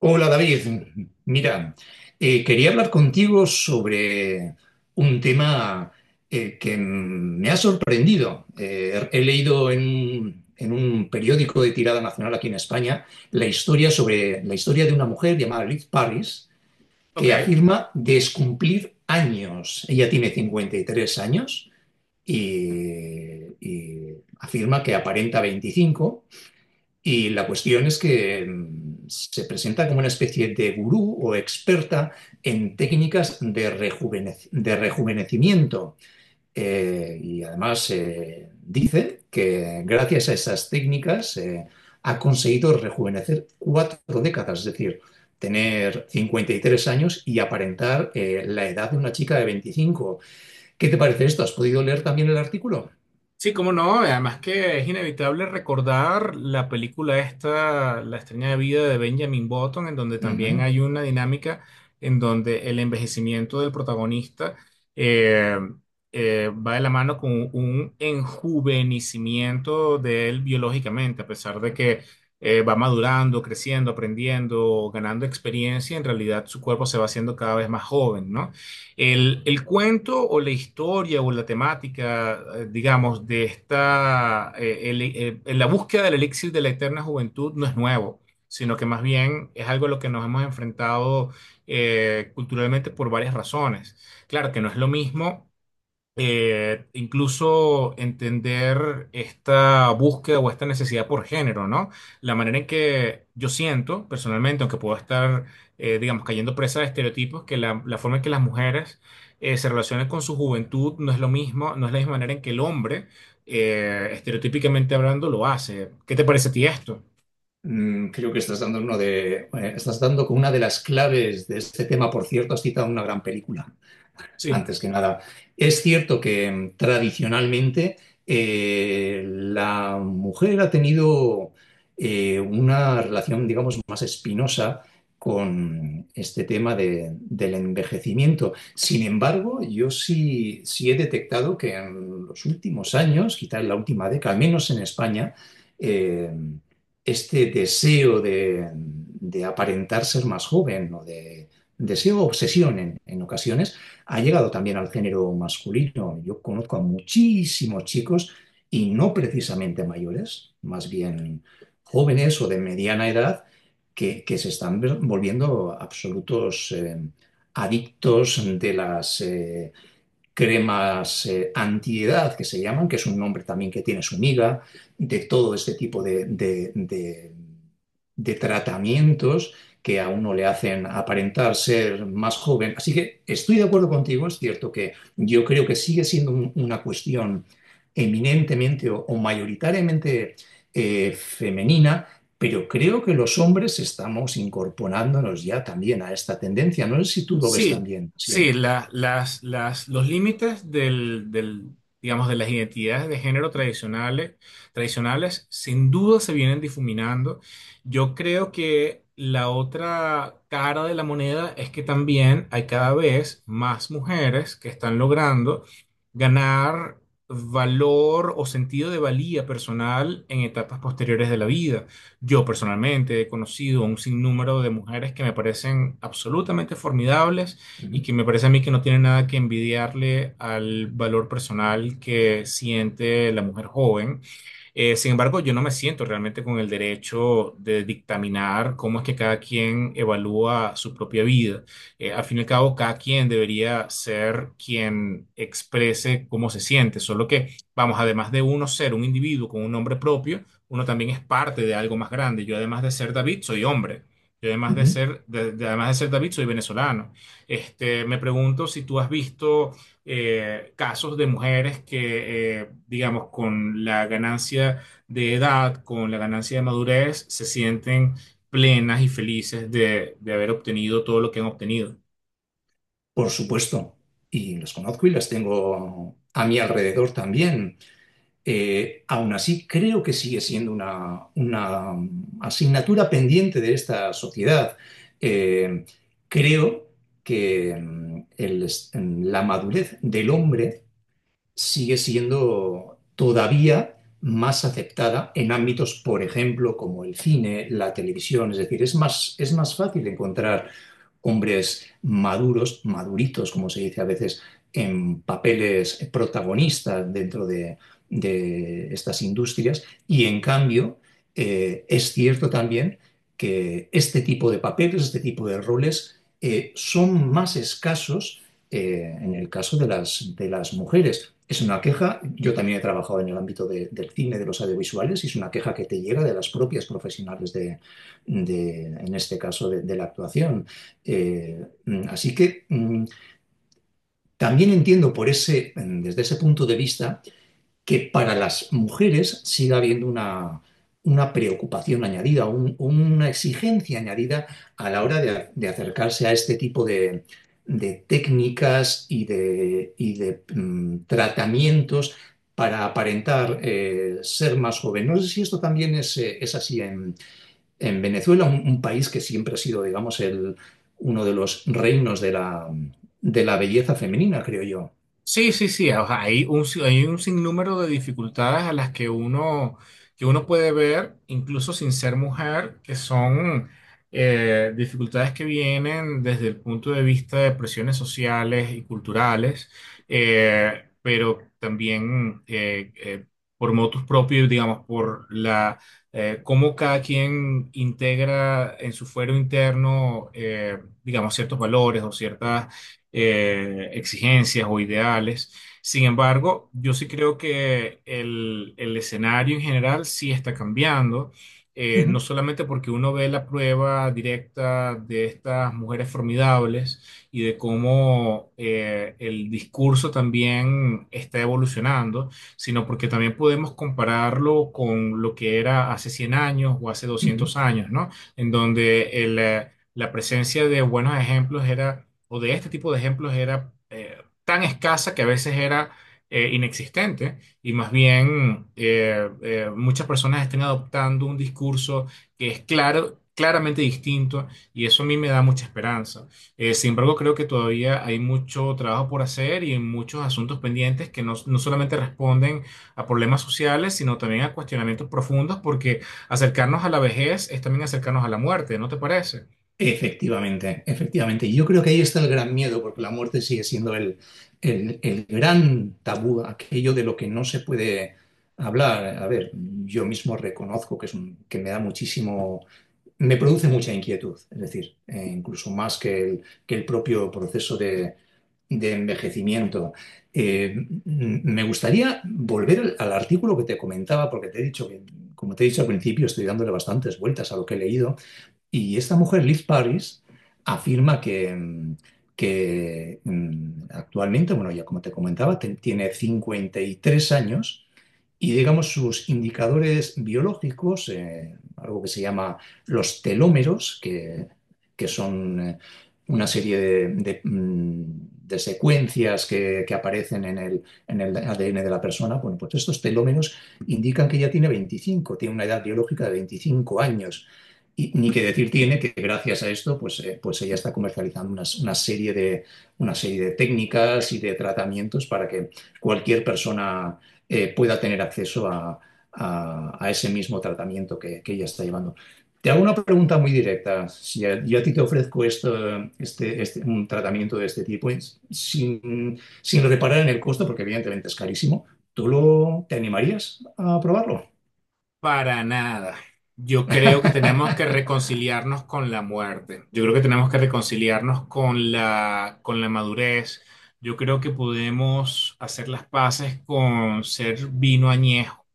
Hola David, mira, quería hablar contigo sobre un tema me ha sorprendido. He leído en un periódico de tirada nacional aquí en España la historia de una mujer llamada Liz Paris que Ok, afirma descumplir años. Ella tiene 53 años y afirma que aparenta 25. Y la cuestión es que se presenta como una especie de gurú o experta en técnicas de rejuvenecimiento. Y además dice que gracias a esas técnicas ha conseguido rejuvenecer 4 décadas, es decir, tener 53 años y aparentar la edad de una chica de 25. ¿Qué te parece esto? ¿Has podido leer también el artículo? sí, cómo no, además que es inevitable recordar la película esta, La extraña vida de Benjamin Button, en donde también Ujú. hay una dinámica en donde el envejecimiento del protagonista eh, va de la mano con un enjuvenecimiento de él biológicamente, a pesar de que va madurando, creciendo, aprendiendo, ganando experiencia, en realidad su cuerpo se va haciendo cada vez más joven, ¿no? El cuento o la historia o la temática, digamos, de esta, la búsqueda del elixir de la eterna juventud no es nuevo, sino que más bien es algo a lo que nos hemos enfrentado culturalmente por varias razones. Claro que no es lo mismo incluso entender esta búsqueda o esta necesidad por género, ¿no? La manera en que yo siento personalmente, aunque puedo estar, digamos, cayendo presa de estereotipos, que la forma en que las mujeres se relacionan con su juventud no es lo mismo, no es la misma manera en que el hombre, estereotípicamente hablando, lo hace. ¿Qué te parece a ti esto? Creo que estás dando uno de, estás dando con una de las claves de este tema. Por cierto, has citado una gran película Sí. antes que nada. Es cierto que tradicionalmente la mujer ha tenido una relación, digamos, más espinosa con este tema del envejecimiento. Sin embargo, yo sí he detectado que en los últimos años, quizá en la última década, al menos en España, eh, este deseo de aparentar ser más joven o de deseo obsesión en ocasiones, ha llegado también al género masculino. Yo conozco a muchísimos chicos y no precisamente mayores, más bien jóvenes o de mediana edad, que se están volviendo absolutos adictos de las cremas antiedad que se llaman, que es un nombre también que tiene su miga, de todo este tipo de tratamientos que a uno le hacen aparentar ser más joven. Así que estoy de acuerdo contigo, es cierto que yo creo que sigue siendo una cuestión eminentemente o mayoritariamente femenina, pero creo que los hombres estamos incorporándonos ya también a esta tendencia. No sé si tú lo ves Sí, también, sí. sí, los límites del digamos, de las identidades de género tradicionales, tradicionales sin duda se vienen difuminando. Yo creo que la otra cara de la moneda es que también hay cada vez más mujeres que están logrando ganar valor o sentido de valía personal en etapas posteriores de la vida. Yo personalmente he conocido un sinnúmero de mujeres que me parecen absolutamente formidables y Ujú, que me parece a mí que no tienen nada que envidiarle al valor personal que siente la mujer joven. Sin embargo, yo no me siento realmente con el derecho de dictaminar cómo es que cada quien evalúa su propia vida. Al fin y al cabo, cada quien debería ser quien exprese cómo se siente, solo que, vamos, además de uno ser un individuo con un nombre propio, uno también es parte de algo más grande. Yo además de ser David, soy hombre. Yo además de ujú. ser, además de ser David, soy venezolano. Este, me pregunto si tú has visto casos de mujeres que, digamos, con la ganancia de edad, con la ganancia de madurez, se sienten plenas y felices de haber obtenido todo lo que han obtenido. Por supuesto, y los conozco y las tengo a mi alrededor también. Aún así, creo que sigue siendo una asignatura pendiente de esta sociedad. Eh, creo que la madurez del hombre sigue siendo todavía más aceptada en ámbitos, por ejemplo, como el cine, la televisión. Es decir, es más fácil encontrar hombres maduros, maduritos, como se dice a veces, en papeles protagonistas dentro de estas industrias. Y en cambio, es cierto también que este tipo de papeles, este tipo de roles, son más escasos en el caso de las mujeres. Es una queja, yo también he trabajado en el ámbito del cine, de los audiovisuales, y es una queja que te llega de las propias profesionales en este caso, de la actuación. Así que también entiendo desde ese punto de vista que para las mujeres siga habiendo una preocupación añadida, una exigencia añadida a la hora de acercarse a este tipo de técnicas tratamientos para aparentar ser más joven. No sé si esto también es así en, Venezuela, un país que siempre ha sido, digamos, uno de los reinos de la belleza femenina, creo yo. Sí, sí, sí. O sea, hay un, si- hay un sinnúmero de dificultades a las que uno puede ver, incluso sin ser mujer, que son dificultades que vienen desde el punto de vista de presiones sociales y culturales, pero también por motus propios, digamos, por la cómo cada quien integra en su fuero interno, digamos, ciertos valores o ciertas exigencias o ideales. Sin embargo, yo sí creo que el escenario en general sí está cambiando, no Ujú, solamente porque uno ve la prueba directa de estas mujeres formidables y de cómo el discurso también está evolucionando, sino porque también podemos compararlo con lo que era hace 100 años o hace ujú. 200 años, ¿no? En donde la presencia de buenos ejemplos era, o de este tipo de ejemplos era tan escasa que a veces era inexistente y más bien muchas personas estén adoptando un discurso que es claramente distinto y eso a mí me da mucha esperanza. Sin embargo, creo que todavía hay mucho trabajo por hacer y muchos asuntos pendientes que no solamente responden a problemas sociales, sino también a cuestionamientos profundos, porque acercarnos a la vejez es también acercarnos a la muerte, ¿no te parece? Efectivamente, efectivamente. Yo creo que ahí está el gran miedo, porque la muerte sigue siendo el gran tabú, aquello de lo que no se puede hablar. A ver, yo mismo reconozco que que me da muchísimo, me produce mucha inquietud, es decir, incluso más que el propio proceso de envejecimiento. Eh, m- me gustaría volver al artículo que te comentaba, porque te he dicho que, como te he dicho al principio, estoy dándole bastantes vueltas a lo que he leído. Y esta mujer, Liz Paris, afirma que actualmente, bueno, ya como te comentaba, tiene 53 años y digamos sus indicadores biológicos, algo que se llama los telómeros, que son una serie de secuencias que aparecen en el ADN de la persona, bueno, pues estos telómeros indican que ya tiene una edad biológica de 25 años. Y ni que decir tiene que gracias a esto, pues ella está comercializando una serie de técnicas y de tratamientos para que cualquier persona pueda tener acceso a ese mismo tratamiento que ella está llevando. Te hago una pregunta muy directa. Si yo a ti te ofrezco esto, un tratamiento de este tipo sin reparar en el costo, porque evidentemente es carísimo, ¿tú te animarías a probarlo? Para nada. Yo creo que tenemos que reconciliarnos con la muerte. Yo creo que tenemos que reconciliarnos con con la madurez. Yo creo que podemos hacer las paces con ser vino añejo.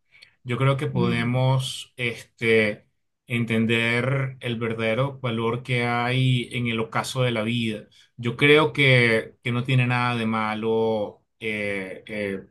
Yo creo que Mm, podemos, este, entender el verdadero valor que hay en el ocaso de la vida. Yo creo que no tiene nada de malo,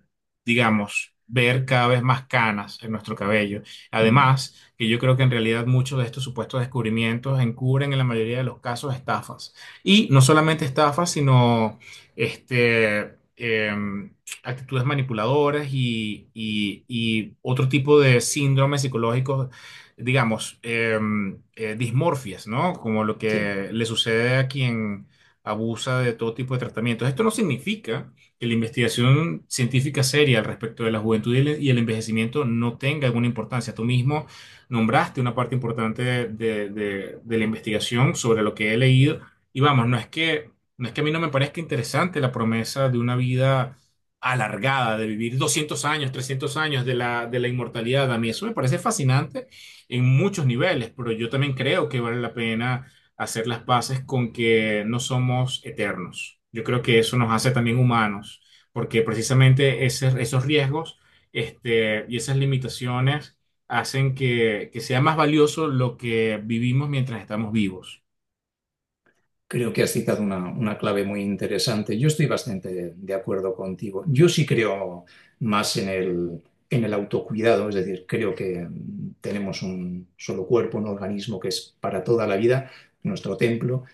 digamos, ver cada vez más canas en nuestro cabello. ujú, Además, que yo creo que en realidad muchos de estos supuestos descubrimientos encubren en la mayoría de los casos estafas. Y no solamente estafas, sino este, em, actitudes manipuladoras y otro tipo de síndromes psicológicos, digamos, dismorfias, ¿no? Como lo sí. que le sucede a quien abusa de todo tipo de tratamientos. Esto no significa que la investigación científica seria al respecto de la juventud y y el envejecimiento no tenga alguna importancia. Tú mismo nombraste una parte importante de, de la investigación sobre lo que he leído y vamos, no es que a mí no me parezca interesante la promesa de una vida alargada, de vivir 200 años, 300 años de de la inmortalidad. A mí eso me parece fascinante en muchos niveles, pero yo también creo que vale la pena hacer las paces con que no somos eternos. Yo creo que eso nos hace también humanos, porque precisamente esos riesgos este, y esas limitaciones hacen que sea más valioso lo que vivimos mientras estamos vivos. Creo que has citado una clave muy interesante. Yo estoy bastante de acuerdo contigo. Yo sí creo más en el autocuidado, es decir, creo que tenemos un solo cuerpo, un organismo que es para toda la vida, nuestro templo,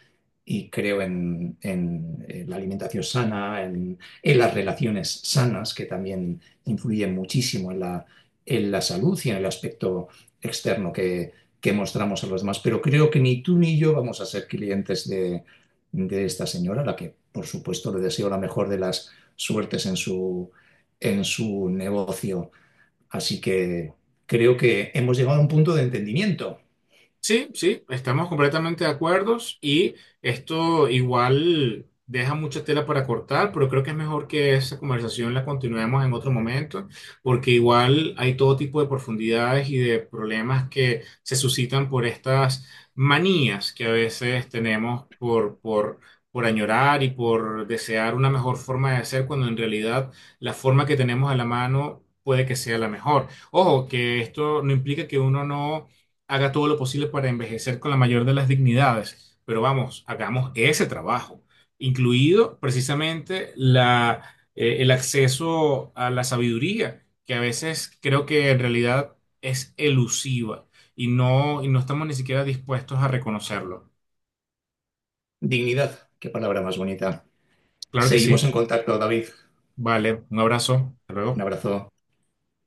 y creo la alimentación sana, en las relaciones sanas, que también influyen muchísimo en la salud y en el aspecto externo que mostramos a los demás. Pero creo que ni tú ni yo vamos a ser clientes de esta señora, a la que por supuesto le deseo la mejor de las suertes en su negocio. Así que creo que hemos llegado a un punto de entendimiento. Sí, sí, estamos completamente de acuerdo y esto igual deja mucha tela para cortar, pero creo que es mejor que esa conversación la continuemos en otro momento, porque igual hay todo tipo de profundidades y de problemas que se suscitan por estas manías que a veces tenemos por añorar y por desear una mejor forma de ser, cuando en realidad la forma que tenemos a la mano puede que sea la mejor. Ojo, que esto no implica que uno no haga todo lo posible para envejecer con la mayor de las dignidades. Pero vamos, hagamos ese trabajo, incluido precisamente la, el acceso a la sabiduría, que a veces creo que en realidad es elusiva y y no estamos ni siquiera dispuestos a reconocerlo. Dignidad, qué palabra más bonita. Claro que Seguimos sí. en contacto, David. Vale, un abrazo. Hasta Un luego. abrazo.